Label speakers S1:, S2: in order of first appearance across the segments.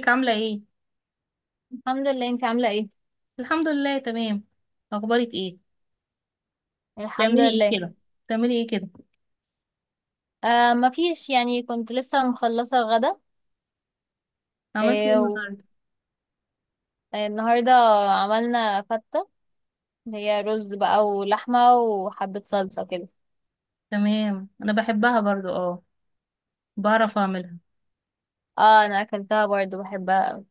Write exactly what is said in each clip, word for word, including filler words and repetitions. S1: ازيك عاملة ايه؟
S2: الحمد لله. انت عاملة ايه؟
S1: الحمد لله تمام. اخبارك ايه؟
S2: الحمد
S1: بتعملي ايه
S2: لله.
S1: كده؟ بتعملي ايه كده؟
S2: آه ما فيش، يعني، كنت لسه مخلصة الغدا.
S1: عملتي ايه
S2: آه و-
S1: النهاردة؟
S2: آه، النهاردة عملنا فتة، اللي هي رز بقى ولحمة وحبة صلصة كده.
S1: تمام، انا بحبها برضو، اه بعرف اعملها.
S2: اه، انا اكلتها برضو، بحبها اوي.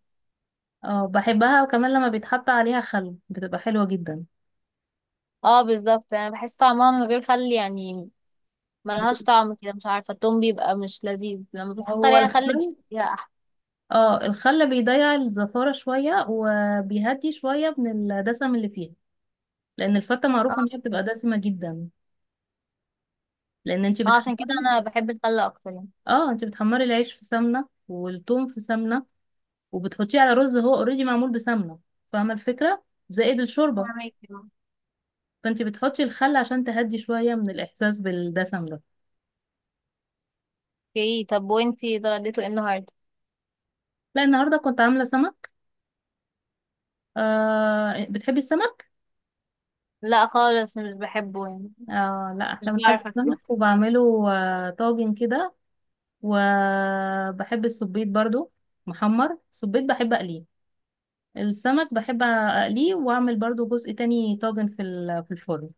S1: اه بحبها، وكمان لما بيتحط عليها خل بتبقى حلوة جدا.
S2: اه بالظبط، انا بحس طعمها من غير خل يعني ملهاش
S1: بتبقى-
S2: طعم كده. مش عارفة، التوم بيبقى مش لذيذ. لما بتحط
S1: هو
S2: عليها خل بيبقى
S1: الخل،
S2: فيها احلى.
S1: اه الخل بيضيع الزفارة شوية وبيهدي شوية من الدسم اللي فيها، لان الفتة
S2: اه
S1: معروفة ان هي بتبقى
S2: بالظبط.
S1: دسمة جدا. لان انت
S2: اه عشان كده
S1: بتحمري.
S2: انا بحب الخل اكتر يعني.
S1: اه انت بتحمري العيش في سمنة والثوم في سمنة، وبتحطيه على رز هو اوريدي معمول بسمنه. فاهمه الفكره؟ زائد الشوربه.
S2: فاهمك.
S1: فانت بتحطي الخل عشان تهدي شويه من الاحساس بالدسم ده.
S2: اوكي، طب وانتي اتغديتوا ايه النهاردة؟
S1: لا، النهارده كنت عامله سمك. آه بتحبي السمك؟
S2: لا خالص مش بحبه يعني.
S1: آه لا،
S2: مش
S1: احنا بنحب
S2: بعرف أطبخ.
S1: السمك، وبعمله آه طاجن كده. وبحب السبيط برضو، محمر. السبيط بحب اقليه، السمك بحب اقليه، واعمل برضو جزء تاني طاجن في ال- في الفرن.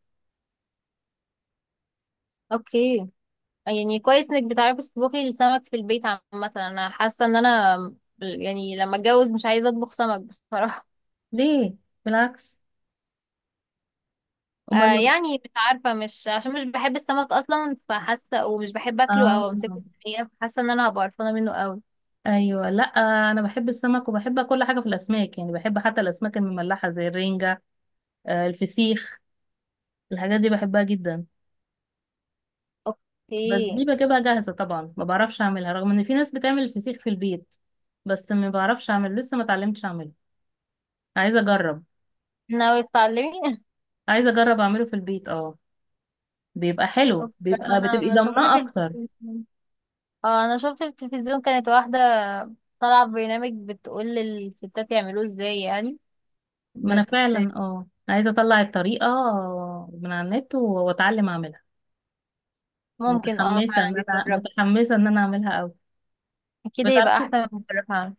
S2: اوكي. يعني كويس انك بتعرفي تطبخي السمك في البيت عامة. انا حاسة ان انا، يعني، لما اتجوز مش عايزة اطبخ سمك بصراحة.
S1: ليه؟ بالعكس.
S2: آه
S1: امال.
S2: يعني مش عارفة، مش عشان مش بحب السمك اصلا، فحاسة ومش بحب اكله
S1: آه.
S2: او امسكه في الحقيقة، فحاسة ان انا هبقى قرفانة منه قوي.
S1: ايوه، لا انا بحب السمك، وبحب كل حاجه في الاسماك، يعني بحب حتى الاسماك المملحه زي الرنجه، آه، الفسيخ، الحاجات دي بحبها جدا. بس دي
S2: اوكي.
S1: بجيبها جاهزه طبعا، ما بعرفش اعملها، رغم ان في ناس بتعمل الفسيخ في البيت. بس ما بعرفش اعمله، لسه ما اتعلمتش اعمله. عايزه اجرب.
S2: ناوية تتعلمي؟
S1: عايزه اجرب اعمله في البيت، اه. بيبقى حلو،
S2: اوكي.
S1: بيبقى بتبقي
S2: انا شفت
S1: ضامناه
S2: في
S1: اكتر.
S2: التلفزيون. اه انا شفت في التلفزيون كانت واحدة طالعة ببرنامج بتقول للستات يعملوه ازاي يعني.
S1: ما انا
S2: بس
S1: فعلا اه عايزه اطلع الطريقه من على النت و- واتعلم اعملها.
S2: ممكن، اه،
S1: متحمسه
S2: فعلا
S1: ان انا
S2: بيتجرب.
S1: متحمسه ان انا اعملها قوي.
S2: اكيد هيبقى
S1: بتعرفي
S2: احلى من بره فعلا.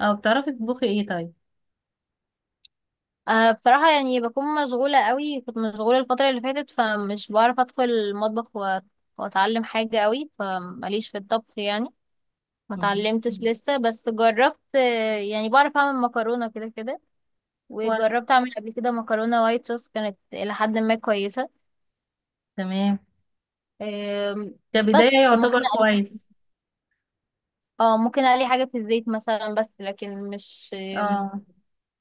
S1: أو بتعرفي تطبخي إيه طيب؟
S2: أه بصراحة، يعني، بكون مشغولة قوي. كنت مشغولة الفترة اللي فاتت فمش بعرف ادخل المطبخ و- واتعلم حاجة قوي. فماليش في الطبخ يعني. ما
S1: مم.
S2: اتعلمتش لسه، بس جربت. آه، يعني بعرف اعمل مكرونة كده كده.
S1: كويس،
S2: وجربت اعمل قبل كده مكرونة وايت صوص، كانت الى حد ما كويسة.
S1: تمام،
S2: آم،
S1: كبداية
S2: بس ممكن
S1: يعتبر
S2: أ-
S1: كويس.
S2: اه ممكن اقلي حاجة في الزيت مثلا، بس لكن مش،
S1: اه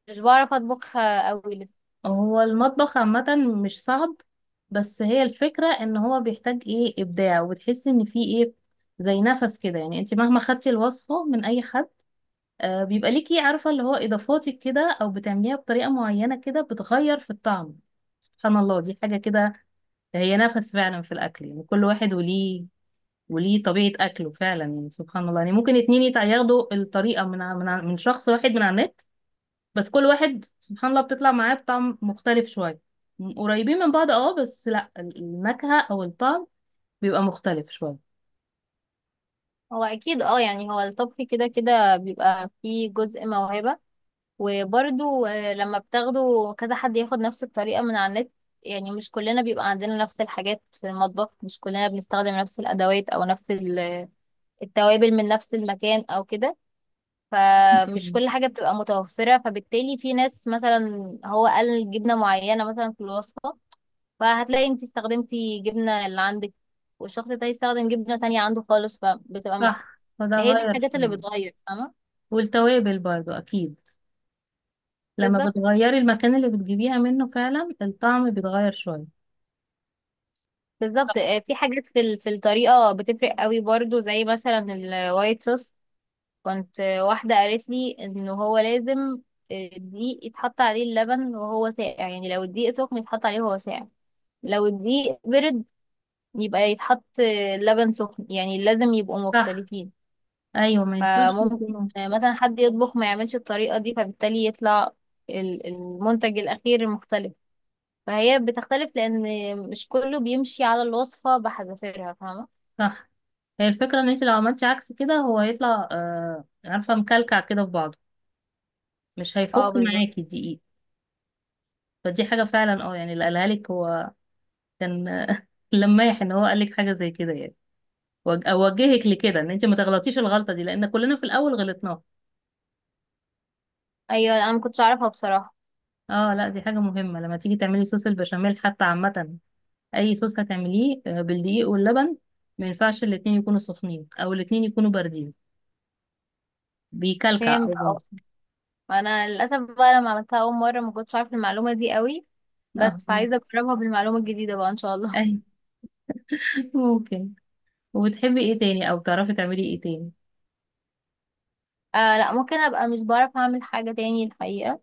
S2: مش بعرف اطبخها قوي لسه.
S1: هو المطبخ عامة مش صعب، بس هي الفكرة ان هو بيحتاج ايه ابداع، وبتحسي ان فيه ايه زي نفس كده. يعني انت مهما خدتي الوصفة من اي حد، آه بيبقى ليكي عارفة اللي هو اضافاتك كده، او بتعمليها بطريقة معينة كده بتغير في الطعم. سبحان الله دي حاجة كده، هي نفس فعلا في الاكل. يعني كل واحد وليه وليه طبيعة أكله فعلا، يعني سبحان الله. يعني ممكن اتنين يتع- ياخدوا الطريقة من ع- من ع- من شخص واحد من على النت، بس كل واحد سبحان الله بتطلع معاه بطعم مختلف شوية. م- قريبين من بعض اه، بس لا ال- النكهة أو الطعم بيبقى مختلف شوية.
S2: هو اكيد. اه، يعني، هو الطبخ كده كده بيبقى فيه جزء موهبة، وبرده لما بتاخده، كذا حد ياخد نفس الطريقة من على النت. يعني مش كلنا بيبقى عندنا نفس الحاجات في المطبخ. مش كلنا بنستخدم نفس الادوات او نفس ال- التوابل من نفس المكان او كده. فمش
S1: مم.
S2: كل حاجة بتبقى متوفرة، فبالتالي في ناس مثلا هو قال جبنة معينة مثلا في الوصفة، فهتلاقي انت استخدمتي جبنة اللي عندك، والشخص ده يستخدم جبنة تانية عنده خالص، فبتبقى
S1: صح، فده
S2: هي دي
S1: غير
S2: الحاجات اللي
S1: شوية.
S2: بتغير. فاهمة؟
S1: والتوابل برضو أكيد، لما
S2: بالظبط.
S1: بتغيري المكان اللي بتجيبيها منه فعلا الطعم بيتغير شوية.
S2: بالظبط، آه، في حاجات في ال- في الطريقة بتفرق قوي برضو، زي مثلا الوايت صوص. كنت، آه، واحدة قالت لي ان هو لازم آه، الدقيق يتحط عليه اللبن وهو ساقع. يعني لو الدقيق سخن يتحط عليه وهو ساقع، لو الدقيق برد يبقى يتحط آه، لبن سخن. يعني لازم يبقوا
S1: صح.
S2: مختلفين.
S1: أيوة ما ينفعش
S2: فممكن
S1: يكونوا.
S2: آه، مثلا حد يطبخ ما يعملش الطريقة دي، فبالتالي يطلع ال- المنتج الأخير مختلف. فهي بتختلف لان مش كله بيمشي على الوصفة بحذافيرها. فاهمة؟
S1: صح، هي الفكرة إن أنت لو عملتي عكس كده هو هيطلع آه عارفة مكلكع كده في بعضه، مش هيفك
S2: اه بالظبط.
S1: معاكي دقيقة. فدي حاجة فعلا اه، يعني اللي قالها لك هو كان لمايح ان هو قال لك حاجة زي كده، يعني وج- اوجهك لكده ان انت ما تغلطيش الغلطة دي، لان كلنا في الاول غلطناها.
S2: ايوه، انا ما كنتش اعرفها بصراحة.
S1: اه لا دي حاجة مهمة لما تيجي تعملي صوص البشاميل حتى، عامة اي صوص هتعمليه آه، بالدقيق واللبن، ما ينفعش الاتنين يكونوا سخنين او الاتنين يكونوا باردين، بيكلكع
S2: فهمت،
S1: او
S2: اه.
S1: بيمسك.
S2: انا للاسف بقى، لما عملتها اول مرة، ما كنتش عارفة المعلومة دي قوي،
S1: اه
S2: بس
S1: آه،
S2: فعايزة اجربها بالمعلومة الجديدة بقى ان شاء الله.
S1: اي ممكن. وبتحبي ايه تاني او بتعرفي تعملي ايه تاني؟
S2: آه لا، ممكن ابقى مش بعرف اعمل حاجة تاني الحقيقة.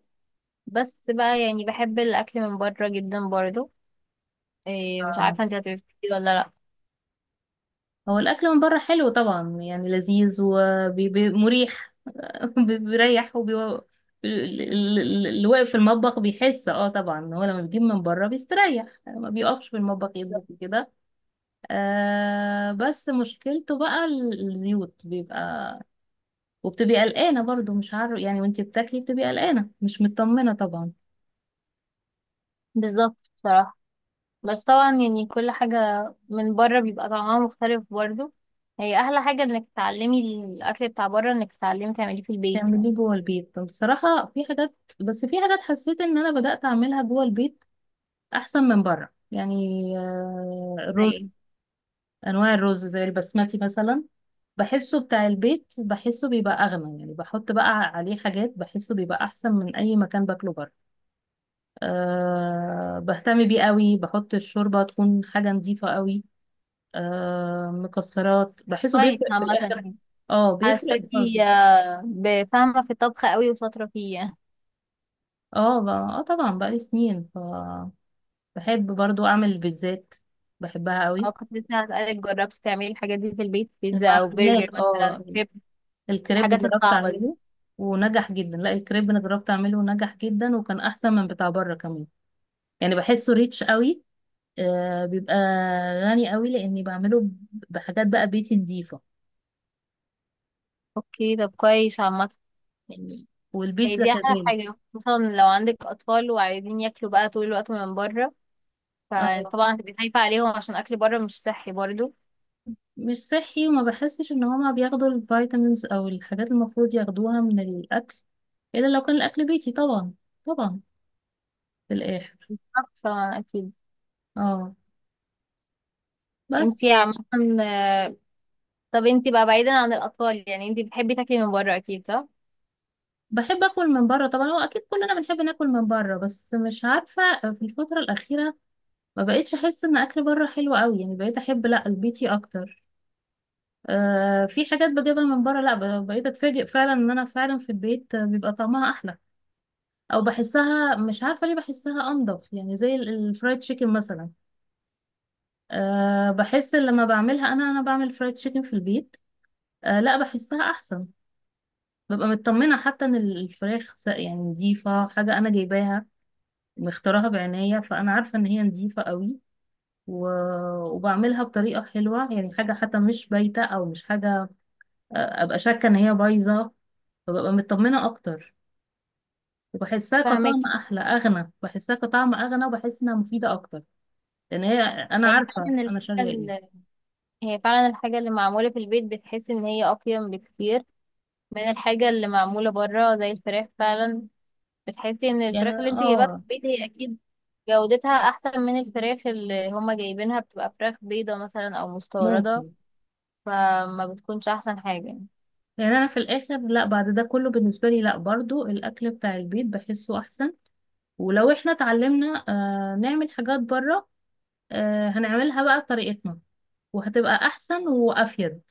S2: بس بقى يعني بحب الاكل من بره جدا برضو. إيه مش عارفة انت هتبقى ولا لا.
S1: هو الأكل من بره حلو طبعا، يعني لذيذ ومريح. بيريح وبي... ال- ال- ال- اللي واقف في المطبخ بيحس اه طبعا إن هو لما بيجيب من بره بيستريح، يعني ما بيقفش في المطبخ يطبخ كده. آه بس مشكلته بقى ال- الزيوت بيبقى، وبتبقي قلقانة برضو، مش عارف يعني وانتي بتاكلي بتبقي قلقانة مش مطمنة طبعا.
S2: بالظبط بصراحة. بس طبعا، يعني، كل حاجة من بره بيبقى طعمها مختلف برضو. هي أحلى حاجة إنك تتعلمي الأكل بتاع بره، إنك تتعلمي تعمليه في البيت يعني.
S1: تعمليه جوه البيت، طب بصراحة في حاجات، بس في حاجات حسيت ان انا بدأت اعملها جوه البيت احسن من بره، يعني آه،
S2: زي
S1: الرز،
S2: ايه؟
S1: انواع الرز زي البسمتي مثلا، بحسه بتاع البيت بحسه بيبقى اغنى. يعني بحط بقى عليه حاجات بحسه بيبقى احسن من اي مكان باكله بره. أه بهتم بيه قوي، بحط الشوربه تكون حاجه نظيفه قوي، أه مكسرات، بحسه
S2: كويس
S1: بيفرق في
S2: عامة
S1: الاخر.
S2: يعني.
S1: اه بيفرق في
S2: حاساكي
S1: برضه.
S2: آه، بفاهمة في الطبخ قوي وشاطرة فيه يعني.
S1: اه ب- اه طبعا بقالي سنين. ف بحب برضو اعمل البيتزات، بحبها
S2: أو
S1: قوي.
S2: كنت لسه هسألك جربتي تعملي الحاجات دي في البيت، بيتزا أو برجر
S1: المعجنات
S2: مثلا،
S1: اه،
S2: كريب.
S1: الكريب
S2: الحاجات
S1: جربت
S2: الصعبة دي.
S1: اعمله ونجح جدا. لا الكريب انا جربت اعمله ونجح جدا، وكان احسن من بتاع بره كمان. يعني بحسه ريتش قوي، آه بيبقى غني قوي، لاني بعمله بحاجات بقى بيتي نظيفه.
S2: أوكي، طب كويس عامة يعني. هي
S1: والبيتزا
S2: دي أحلى
S1: كذلك.
S2: حاجة، خصوصا لو عندك أطفال وعايزين ياكلوا بقى طول الوقت من بره،
S1: اه
S2: فطبعا هتبقي خايفة عليهم عشان أكل بره مش صحي برضو.
S1: مش صحي، وما بحسش ان هما بياخدوا الفيتامينز او الحاجات المفروض ياخدوها من الاكل، الا لو كان الاكل بيتي طبعا. طبعا في الاخر.
S2: طبعا أكيد.
S1: اه بس
S2: انتي عامة، طب انتي بقى، بعيدا عن الأطفال، يعني انتي بتحبي تاكلي من بره أكيد، صح؟
S1: بحب اكل من بره طبعا، هو اكيد كلنا بنحب ناكل من بره، بس مش عارفه في الفتره الاخيره ما بقيتش احس ان اكل بره حلو قوي، يعني بقيت احب لا البيتي اكتر. آه في حاجات بجيبها من بره لا، ب- بقيت اتفاجئ فعلا ان انا فعلا في البيت بيبقى طعمها احلى، او بحسها مش عارفه ليه بحسها انضف. يعني زي ال- الفرايد تشيكن مثلا، آه بحس إن لما بعملها انا انا بعمل فرايد تشيكن في البيت، آه لا بحسها احسن. ببقى مطمنه حتى ان ال- الفراخ س- يعني نضيفه، حاجه انا جايباها مختارها بعناية، فأنا عارفة إن هي نضيفة قوي. و- وبعملها بطريقة حلوة، يعني حاجة حتى مش بايتة أو مش حاجة آه، أبقى شاكة إن هي بايظة، فببقى مطمنة أكتر. وبحسها
S2: فاهمك.
S1: كطعم أحلى أغنى، بحسها كطعم أغنى، وبحس إنها مفيدة أكتر، لأن هي أنا
S2: هي
S1: عارفة
S2: فعلا
S1: أنا شارية
S2: الحاجة
S1: إيه.
S2: ال- هي فعلا الحاجة اللي معمولة في البيت بتحسي إن هي أقيم بكتير من الحاجة اللي معمولة بره، زي الفراخ فعلا. بتحسي إن
S1: يعني
S2: الفراخ
S1: أنا-
S2: اللي انتي جايباها في
S1: آه
S2: البيت هي أكيد جودتها أحسن من الفراخ اللي هما جايبينها، بتبقى فراخ بيضة مثلا أو مستوردة،
S1: ممكن.
S2: فما بتكونش أحسن حاجة.
S1: يعني أنا في الآخر لا، بعد ده كله بالنسبة لي لا برضو الأكل بتاع البيت بحسه أحسن، ولو إحنا اتعلمنا آه نعمل حاجات بره آه هنعملها بقى بطريقتنا، وهتبقى أحسن وأفيد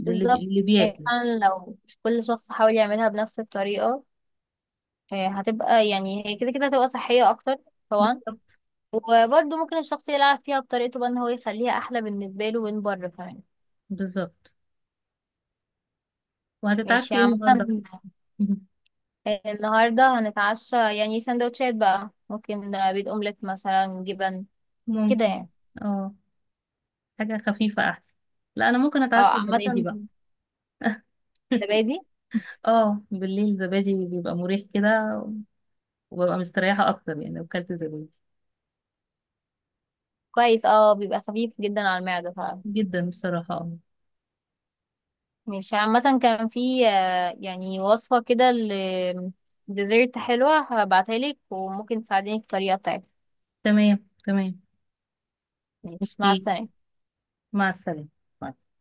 S1: للي بي- للي
S2: بالظبط، يعني
S1: بياكل.
S2: فعلا لو كل شخص حاول يعملها بنفس الطريقة، آه، هتبقى، يعني، هي كده كده هتبقى صحية أكتر. طبعا.
S1: بالظبط.
S2: وبرضه ممكن الشخص يلعب فيها بطريقته بقى، إن هو يخليها أحلى بالنسبة له من بره كمان.
S1: بالظبط. وهتتعشي
S2: ماشي
S1: ايه
S2: عامة.
S1: النهارده؟ مهم.
S2: آه، النهاردة هنتعشى يعني سندوتشات بقى، ممكن آه، بيض أومليت مثلا، جبن كده
S1: ممكن.
S2: يعني.
S1: اه حاجة خفيفة أحسن. لا أنا ممكن
S2: اه
S1: أتعشى زبادي
S2: عامة،
S1: بقى.
S2: الزبادي
S1: اه بالليل زبادي بيبقى مريح كده، وببقى مستريحة أكتر يعني لو كلت زبادي.
S2: كويس اه بيبقى خفيف جدا على المعدة فعلا.
S1: جدا بصراحة اه.
S2: مش عامة، كان في آه، يعني وصفة كده لديزرت حلوة، هبعتها لك وممكن تساعديني في الطريقة بتاعتها.
S1: تمام تمام.
S2: ماشي، مع
S1: أوكي،
S2: السلامة.
S1: مع السلامة. باي.